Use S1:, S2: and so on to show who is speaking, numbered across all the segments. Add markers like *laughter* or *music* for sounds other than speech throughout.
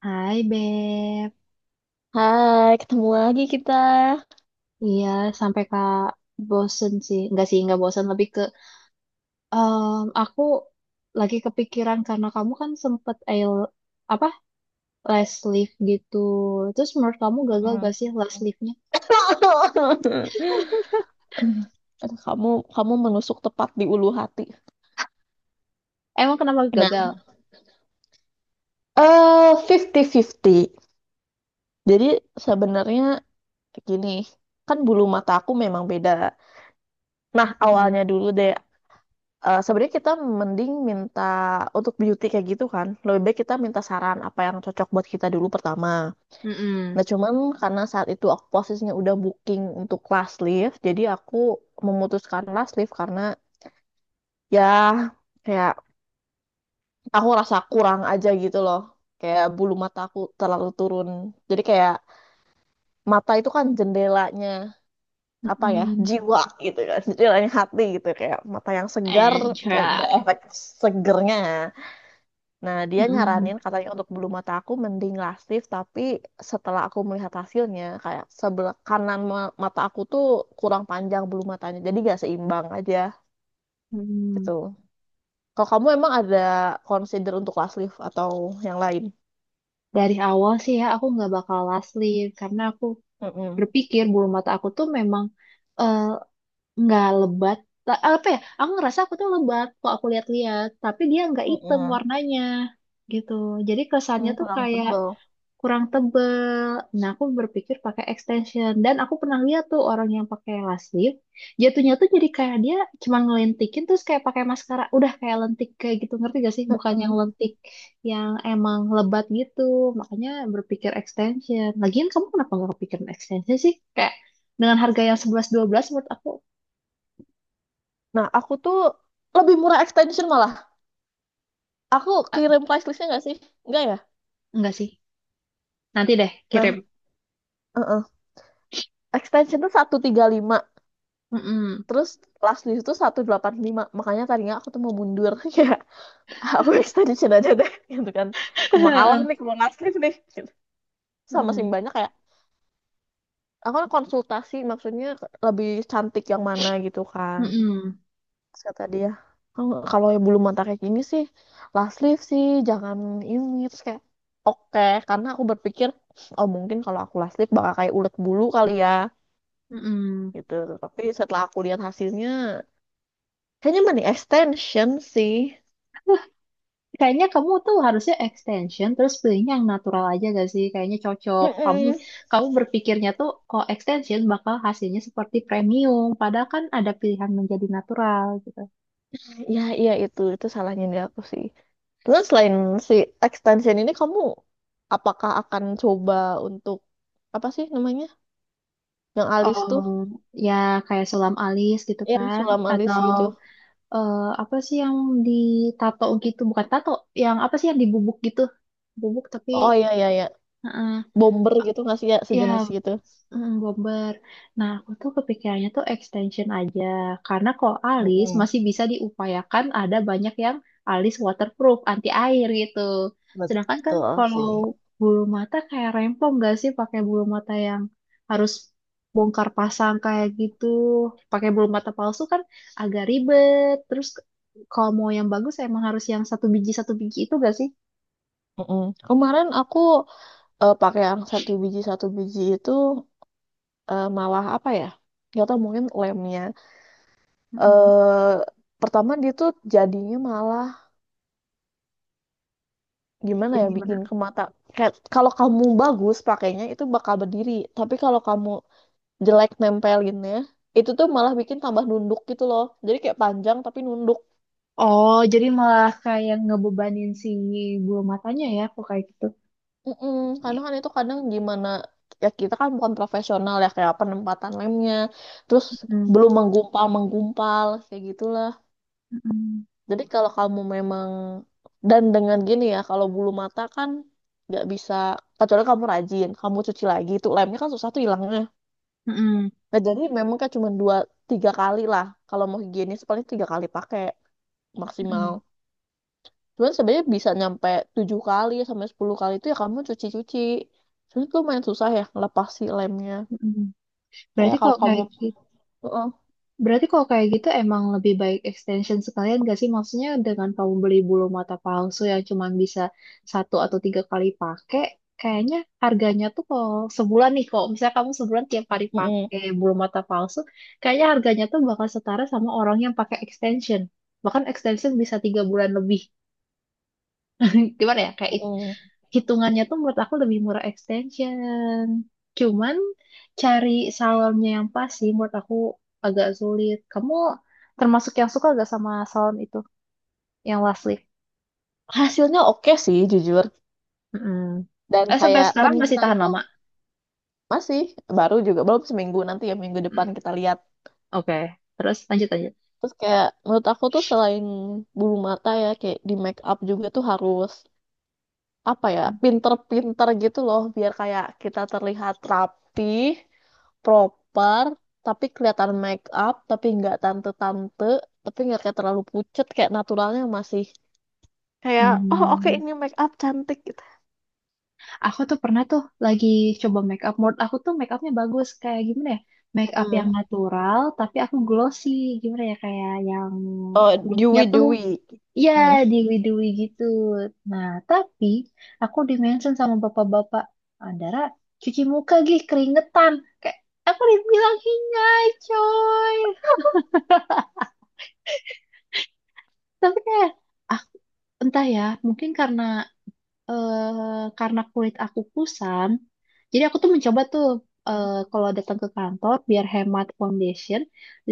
S1: Hai Beb.
S2: Hai, ketemu lagi kita.
S1: Iya, sampai kak bosen sih nggak bosen, lebih ke aku lagi kepikiran karena kamu kan sempet ail apa last lift gitu, terus menurut kamu gagal gak
S2: Mm-mm.
S1: sih last liftnya?
S2: *laughs* Aduh, kamu kamu menusuk tepat di ulu hati.
S1: Emang kenapa gagal?
S2: Nah, eh fifty. 50. Jadi sebenarnya gini, kan bulu mata aku memang beda. Nah,
S1: Mm-mm.
S2: awalnya dulu deh. Sebenarnya kita mending minta untuk beauty kayak gitu kan. Lebih baik kita minta saran apa yang cocok buat kita dulu pertama.
S1: Mm-mm.
S2: Nah, cuman karena saat itu aku posisinya udah booking untuk last lift, jadi aku memutuskan last lift karena ya kayak aku rasa kurang aja gitu loh, kayak bulu mata aku terlalu turun, jadi kayak mata itu kan jendelanya, apa ya,
S1: Mm-mm.
S2: jiwa gitu kan, jendelanya hati gitu, kayak mata yang segar,
S1: And
S2: kayak ada
S1: try.
S2: efek segernya. Nah, dia
S1: Mm-mm.
S2: nyaranin katanya untuk bulu mata aku mending lasif, tapi setelah aku melihat hasilnya kayak sebelah kanan mata aku tuh kurang panjang bulu matanya, jadi gak seimbang aja
S1: Mm-mm.
S2: gitu. Kalau kamu emang ada consider untuk last leaf atau yang lain?
S1: Dari awal sih ya aku nggak bakal last leave karena aku
S2: Mm-mm.
S1: berpikir bulu mata aku tuh memang ehm, nggak lebat. Apa ya, aku ngerasa aku tuh lebat kok, aku lihat-lihat, tapi dia nggak hitam
S2: Mm-mm.
S1: warnanya gitu, jadi kesannya
S2: Hmm,
S1: tuh
S2: kurang
S1: kayak
S2: tebel.
S1: kurang tebel. Nah, aku berpikir pakai extension, dan aku pernah lihat tuh orang yang pakai lash lift, jatuhnya tuh jadi kayak dia cuma ngelentikin terus kayak pakai maskara, udah kayak lentik kayak gitu, ngerti gak sih, bukan yang
S2: Mm-mm.
S1: lentik yang emang lebat gitu. Makanya berpikir extension, lagian kamu kenapa nggak kepikiran extension sih, kayak dengan harga yang sebelas dua belas menurut aku.
S2: Nah, aku tuh lebih murah extension malah. Aku kirim price listnya nggak sih? Nggak ya?
S1: Enggak sih. Nanti deh
S2: Nah,
S1: kirim.
S2: uh-uh. Extension tuh 135.
S1: Mm-mm.
S2: Terus last leaf tuh 185. Makanya tadinya aku tuh mau mundur. *laughs* Ya, aku extension aja deh. Gitu kan. Kemahalan nih kalau last leaf nih. Gitu. Sama sih
S1: Hmm.
S2: banyak kayak, aku kan konsultasi maksudnya lebih cantik yang mana gitu kan.
S1: Mm-mm.
S2: Terus kata dia, "Kalau kalau yang bulu mata kayak gini sih last leave sih jangan ini," terus kayak oke karena aku berpikir oh mungkin kalau aku last leave bakal kayak ulet bulu kali ya
S1: Mm-mm.
S2: gitu, tapi setelah aku lihat hasilnya kayaknya mending extension sih.
S1: Wah, kayaknya kamu tuh harusnya extension terus pilihnya yang natural aja gak sih? Kayaknya cocok. Kamu
S2: Mm-mm.
S1: kamu berpikirnya tuh kalau extension bakal hasilnya seperti premium, padahal kan ada pilihan menjadi natural gitu.
S2: Ya iya, itu salahnya di aku sih. Terus selain si extension ini kamu apakah akan coba untuk, apa sih namanya, yang alis tuh,
S1: Oh, ya, kayak sulam alis gitu
S2: yang
S1: kan,
S2: sulam alis
S1: atau
S2: gitu?
S1: eh, apa sih yang ditato gitu? Bukan tato, yang apa sih yang dibubuk gitu? Bubuk tapi...
S2: Oh iya iya iya, bomber gitu nggak sih, ya
S1: Ya,
S2: sejenis gitu.
S1: bomber. Nah, aku tuh kepikirannya tuh extension aja. Karena kalau alis
S2: Mm-mm.
S1: masih bisa diupayakan, ada banyak yang alis waterproof, anti air gitu. Sedangkan kan
S2: Betul
S1: kalau
S2: sih.
S1: bulu mata kayak rempong gak sih pakai bulu mata yang harus bongkar pasang kayak gitu. Pakai bulu mata palsu kan agak ribet. Terus kalau mau yang bagus emang harus yang satu biji itu gak sih?
S2: Mm-mm. Kemarin aku pakai yang satu biji itu, malah apa ya? Gak tau mungkin lemnya.
S1: Mm-mm.
S2: eh Pertama dia tuh jadinya malah, gimana
S1: Jadi
S2: ya,
S1: gimana?
S2: bikin ke mata. Kayak kalau kamu bagus pakainya itu bakal berdiri. Tapi kalau kamu jelek nempelinnya, itu tuh malah bikin tambah nunduk gitu loh. Jadi kayak panjang tapi nunduk.
S1: Oh, jadi malah kayak ngebebanin si bulu matanya ya, kok kayak gitu.
S2: Mm-mm, karena kan itu kadang gimana ya, kita kan bukan profesional ya, kayak penempatan lemnya terus
S1: Hmm.
S2: belum, menggumpal menggumpal kayak gitulah.
S1: Mm-mm.
S2: Jadi kalau kamu memang, dan dengan gini ya kalau bulu mata kan nggak bisa, kecuali kamu rajin kamu cuci lagi, itu lemnya kan susah tuh hilangnya.
S1: Mm-mm.
S2: Nah, jadi memang kayak cuma 2-3 kali lah, kalau mau higienis paling 3 kali pakai maksimal.
S1: Mm-mm.
S2: Cuman sebenarnya bisa nyampe 7 kali sampai 10 kali, itu ya kamu cuci-cuci. Cuman itu lumayan susah ya ngelepas si lemnya.
S1: Mm-mm.
S2: Kayak
S1: Berarti
S2: kalau
S1: kalau kayak
S2: kamu,
S1: gitu,
S2: heeh.
S1: berarti kalau kayak gitu emang lebih baik extension sekalian gak sih? Maksudnya dengan kamu beli bulu mata palsu yang cuma bisa satu atau tiga kali pakai, kayaknya harganya tuh kalau sebulan nih, kalau misalnya kamu sebulan tiap kali
S2: Mm-mm.
S1: pakai bulu mata palsu, kayaknya harganya tuh bakal setara sama orang yang pakai extension. Bahkan extension bisa 3 bulan lebih. Gimana ya, kayak
S2: Mm-mm.
S1: hitungannya tuh menurut aku lebih murah extension, cuman cari salonnya yang pas sih, menurut aku agak sulit. Kamu termasuk yang suka gak sama salon itu yang last lift?
S2: Hasilnya oke sih jujur.
S1: Mm-mm.
S2: Dan
S1: Eh, sampai
S2: kayak
S1: sekarang masih
S2: ternyata
S1: tahan
S2: tuh
S1: lama.
S2: masih baru juga, belum seminggu, nanti ya minggu
S1: Mm,
S2: depan kita lihat.
S1: oke, terus lanjut lanjut.
S2: Terus kayak menurut aku tuh selain bulu mata ya kayak di make up juga tuh harus, apa ya, pinter-pinter gitu loh biar kayak kita terlihat rapi, proper, tapi kelihatan make up tapi nggak tante-tante, tapi nggak kayak terlalu pucet, kayak naturalnya masih, kayak oh oke
S1: Hmm,
S2: ini make up cantik gitu.
S1: aku tuh pernah tuh lagi coba make up. Menurut aku tuh make upnya bagus. Kayak gimana ya? Make up yang
S2: Mm-mm.
S1: natural, tapi aku glossy. Gimana ya? Kayak yang
S2: Oh,
S1: looknya
S2: dewy
S1: tuh.
S2: dewy.
S1: Ya,
S2: Mm-mm.
S1: diwi-diwi gitu. Nah, tapi aku dimention sama bapak-bapak. Andara, cuci muka gih, keringetan. Kayak, aku dibilang hingai, coy. *laughs* Tapi kayak, aku, entah ya, mungkin karena karena kulit aku kusam. Jadi aku tuh mencoba tuh, kalau datang ke kantor, biar hemat foundation,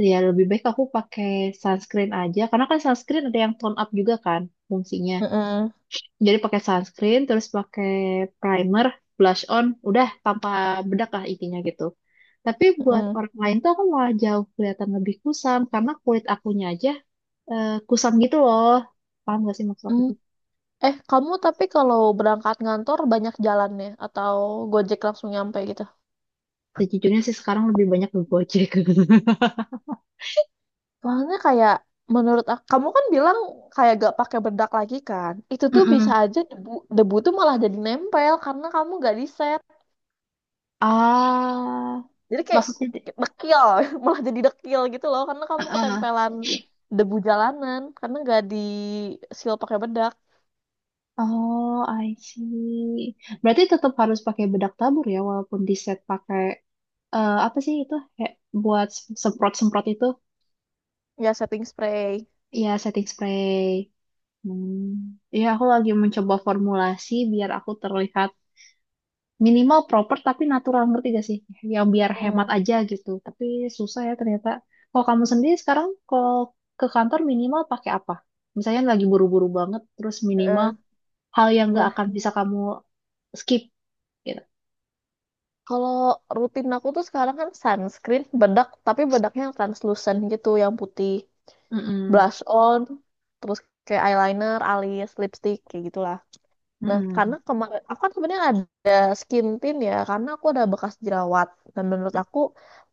S1: ya lebih baik aku pakai sunscreen aja. Karena kan sunscreen ada yang tone up juga kan, fungsinya.
S2: Mm-mm.
S1: Jadi pakai sunscreen, terus pakai primer, blush on, udah tanpa bedak lah intinya gitu. Tapi buat
S2: Mm-mm.
S1: orang lain tuh aku malah jauh kelihatan lebih kusam karena kulit akunya aja kusam gitu loh. Paham gak sih maksud aku
S2: Mm.
S1: tuh?
S2: Eh, kamu tapi kalau berangkat kantor banyak jalannya atau gojek langsung nyampe gitu?
S1: Sejujurnya sih sekarang lebih banyak ke Gojek.
S2: Soalnya kayak menurut aku, kamu kan bilang kayak gak pakai bedak lagi kan? Itu
S1: *laughs*
S2: tuh bisa
S1: Mm-mm.
S2: aja debu, debu tuh malah jadi nempel karena kamu gak di set.
S1: Ah,
S2: Jadi kayak
S1: maksudnya deh.
S2: dekil, *laughs* malah jadi dekil gitu loh karena
S1: Ah,
S2: kamu
S1: ah.
S2: ketempelan debu jalanan, karena gak di seal pakai bedak.
S1: Oh, I see. Berarti tetap harus pakai bedak tabur ya, walaupun di set pakai apa sih itu? Kayak buat semprot-semprot itu.
S2: Ya, setting spray.
S1: Iya, setting spray. Hmm. Iya, aku lagi mencoba formulasi biar aku terlihat minimal proper tapi natural, ngerti gak sih? Yang biar hemat
S2: Hmm.
S1: aja gitu. Tapi susah ya ternyata. Kalau kamu sendiri sekarang kalau ke kantor minimal pakai apa? Misalnya lagi buru-buru banget, terus minimal
S2: Heeh.
S1: hal yang gak
S2: Nah,
S1: akan bisa kamu skip gitu.
S2: kalau rutin aku tuh sekarang kan sunscreen, bedak, tapi bedaknya yang translucent gitu, yang putih.
S1: Mm-mm.
S2: Blush on, terus kayak eyeliner, alis, lipstick, kayak gitu. Nah, karena
S1: Mm-mm.
S2: kemarin aku kan sebenarnya ada skin tint ya, karena aku ada bekas jerawat. Dan menurut aku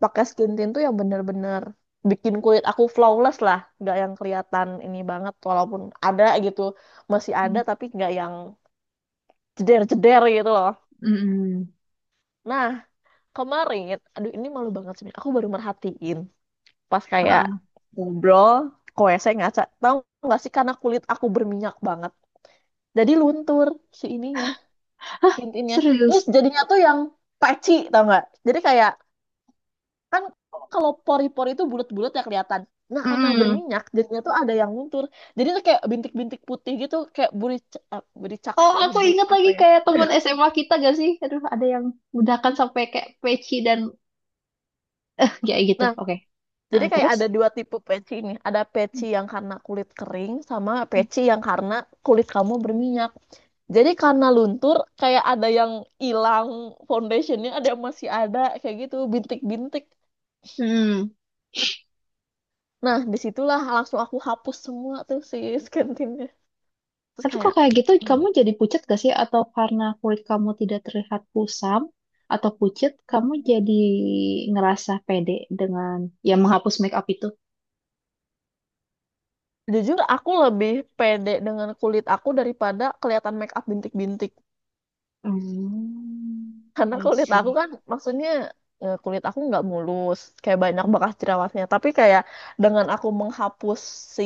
S2: pakai skin tint tuh yang bener-bener bikin kulit aku flawless lah, nggak yang kelihatan ini banget, walaupun ada gitu, masih ada tapi nggak yang jeder-jeder gitu loh.
S1: Mm-mm.
S2: Nah, kemarin, aduh ini malu banget sebenarnya, aku baru merhatiin pas kayak
S1: Ah.
S2: ngobrol, koe saya ngaca, tahu nggak sih, karena kulit aku berminyak banget, jadi luntur si ininya,
S1: Hah,
S2: intinya. Terus
S1: serius?
S2: jadinya tuh yang peci, tau nggak, jadi kayak, kan kalau pori-pori itu bulat-bulat ya kelihatan, nah karena
S1: Mm-mm.
S2: berminyak jadinya tuh ada yang luntur, jadi tuh kayak bintik-bintik putih gitu kayak buricak buricak,
S1: Oh,
S2: eh,
S1: aku ingat
S2: apa
S1: lagi
S2: ya
S1: kayak teman
S2: *laughs*
S1: SMA kita gak sih? Aduh, ada yang udakan sampai kayak peci dan *laughs* kayak gitu.
S2: nah
S1: Oke. Nah,
S2: jadi kayak
S1: terus?
S2: ada dua tipe peci ini, ada peci yang karena kulit kering, sama peci yang karena kulit kamu berminyak jadi karena luntur kayak ada yang hilang foundationnya, ada yang masih ada kayak gitu bintik-bintik.
S1: Hmm.
S2: Nah, disitulah langsung aku hapus semua tuh si skintinnya. Terus
S1: Tapi kok
S2: kayak,
S1: kayak gitu
S2: hmm,
S1: kamu jadi pucat gak sih? Atau karena kulit kamu tidak terlihat kusam atau pucat, kamu jadi ngerasa pede dengan ya menghapus make up itu?
S2: jujur aku lebih pede dengan kulit aku daripada kelihatan make up bintik-bintik.
S1: Hmm,
S2: Karena
S1: I
S2: kulit aku
S1: see.
S2: kan, maksudnya kulit aku nggak mulus, kayak banyak bekas jerawatnya. Tapi kayak dengan aku menghapus si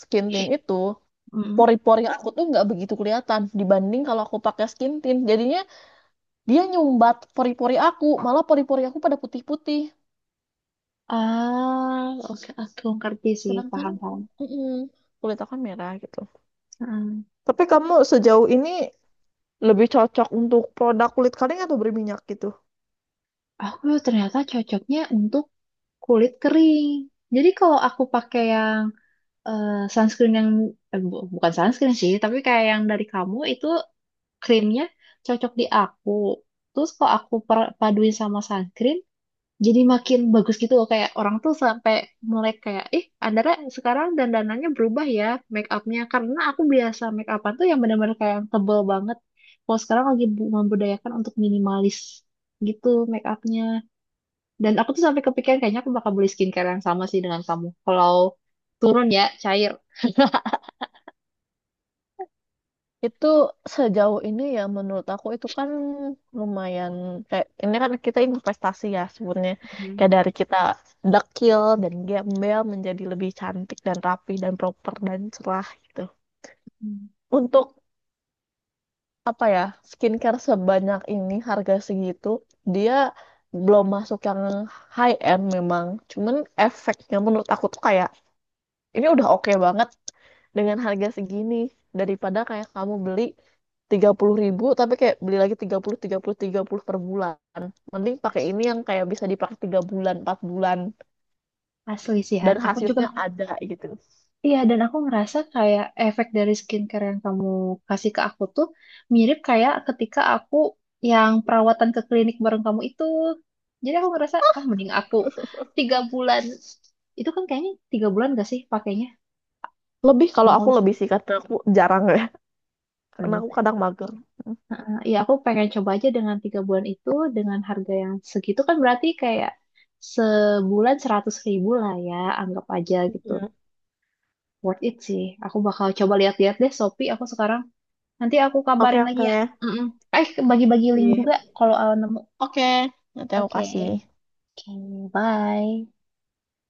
S2: skin tint itu,
S1: Mm-mm.
S2: pori-pori aku tuh nggak begitu kelihatan dibanding kalau aku pakai skin tint. Jadinya dia nyumbat pori-pori aku, malah pori-pori aku pada putih-putih.
S1: Ah, oke, aku ngerti sih,
S2: Sedangkan
S1: paham-paham.
S2: mm, kulit aku kan merah gitu. Tapi kamu sejauh ini lebih cocok untuk produk kulit kering atau berminyak gitu?
S1: Aku ternyata cocoknya untuk kulit kering. Jadi kalau aku pakai yang sunscreen yang bukan sunscreen sih, tapi kayak yang dari kamu itu krimnya cocok di aku. Terus kalau aku paduin sama sunscreen, jadi makin bagus gitu loh. Kayak orang tuh sampai mulai kayak, ih, Andara sekarang dandanannya berubah ya make upnya. Karena aku biasa make upan tuh yang benar-benar kayak yang tebel banget. Kalau sekarang lagi membudayakan untuk minimalis gitu make upnya. Dan aku tuh sampai kepikiran kayaknya aku bakal beli skincare yang sama sih dengan kamu. Kalau turun ya, cair.
S2: Itu sejauh ini ya menurut aku itu kan lumayan, kayak ini kan kita investasi ya sebenarnya,
S1: Hmm.
S2: kayak dari kita dekil dan gembel menjadi lebih cantik dan rapi dan proper dan cerah gitu.
S1: Hmm.
S2: Untuk, apa ya, skincare sebanyak ini harga segitu, dia belum masuk yang high end memang, cuman efeknya menurut aku tuh kayak ini udah oke banget dengan harga segini, daripada kayak kamu beli 30.000 tapi kayak beli lagi tiga tiga puluh 30 30 per bulan, mending pakai
S1: As-
S2: ini yang kayak bisa dipakai 3 bulan 4 bulan
S1: Asli sih Han.
S2: dan
S1: Aku juga
S2: hasilnya ada gitu.
S1: iya, dan aku ngerasa kayak efek dari skincare yang kamu kasih ke aku tuh mirip kayak ketika aku yang perawatan ke klinik bareng kamu itu. Jadi aku ngerasa ah mending aku 3 bulan, itu kan kayaknya 3 bulan gak sih pakainya?
S2: Lebih, kalau aku
S1: Mau sih.
S2: lebih sih karena aku jarang ya, karena aku kadang mager.
S1: Ya, aku pengen coba aja dengan 3 bulan itu, dengan harga yang segitu kan berarti kayak sebulan 100 ribu lah ya, anggap aja gitu.
S2: Mm.
S1: Worth it sih. Aku bakal coba lihat-lihat deh Shopee aku sekarang. Nanti aku
S2: Oke
S1: kabarin lagi
S2: oke.
S1: ya. Mm-mm. Eh, bagi-bagi link juga
S2: Sip.
S1: kalau nemu.
S2: Oke, nanti aku
S1: Oke.
S2: kasih.
S1: Oke, bye.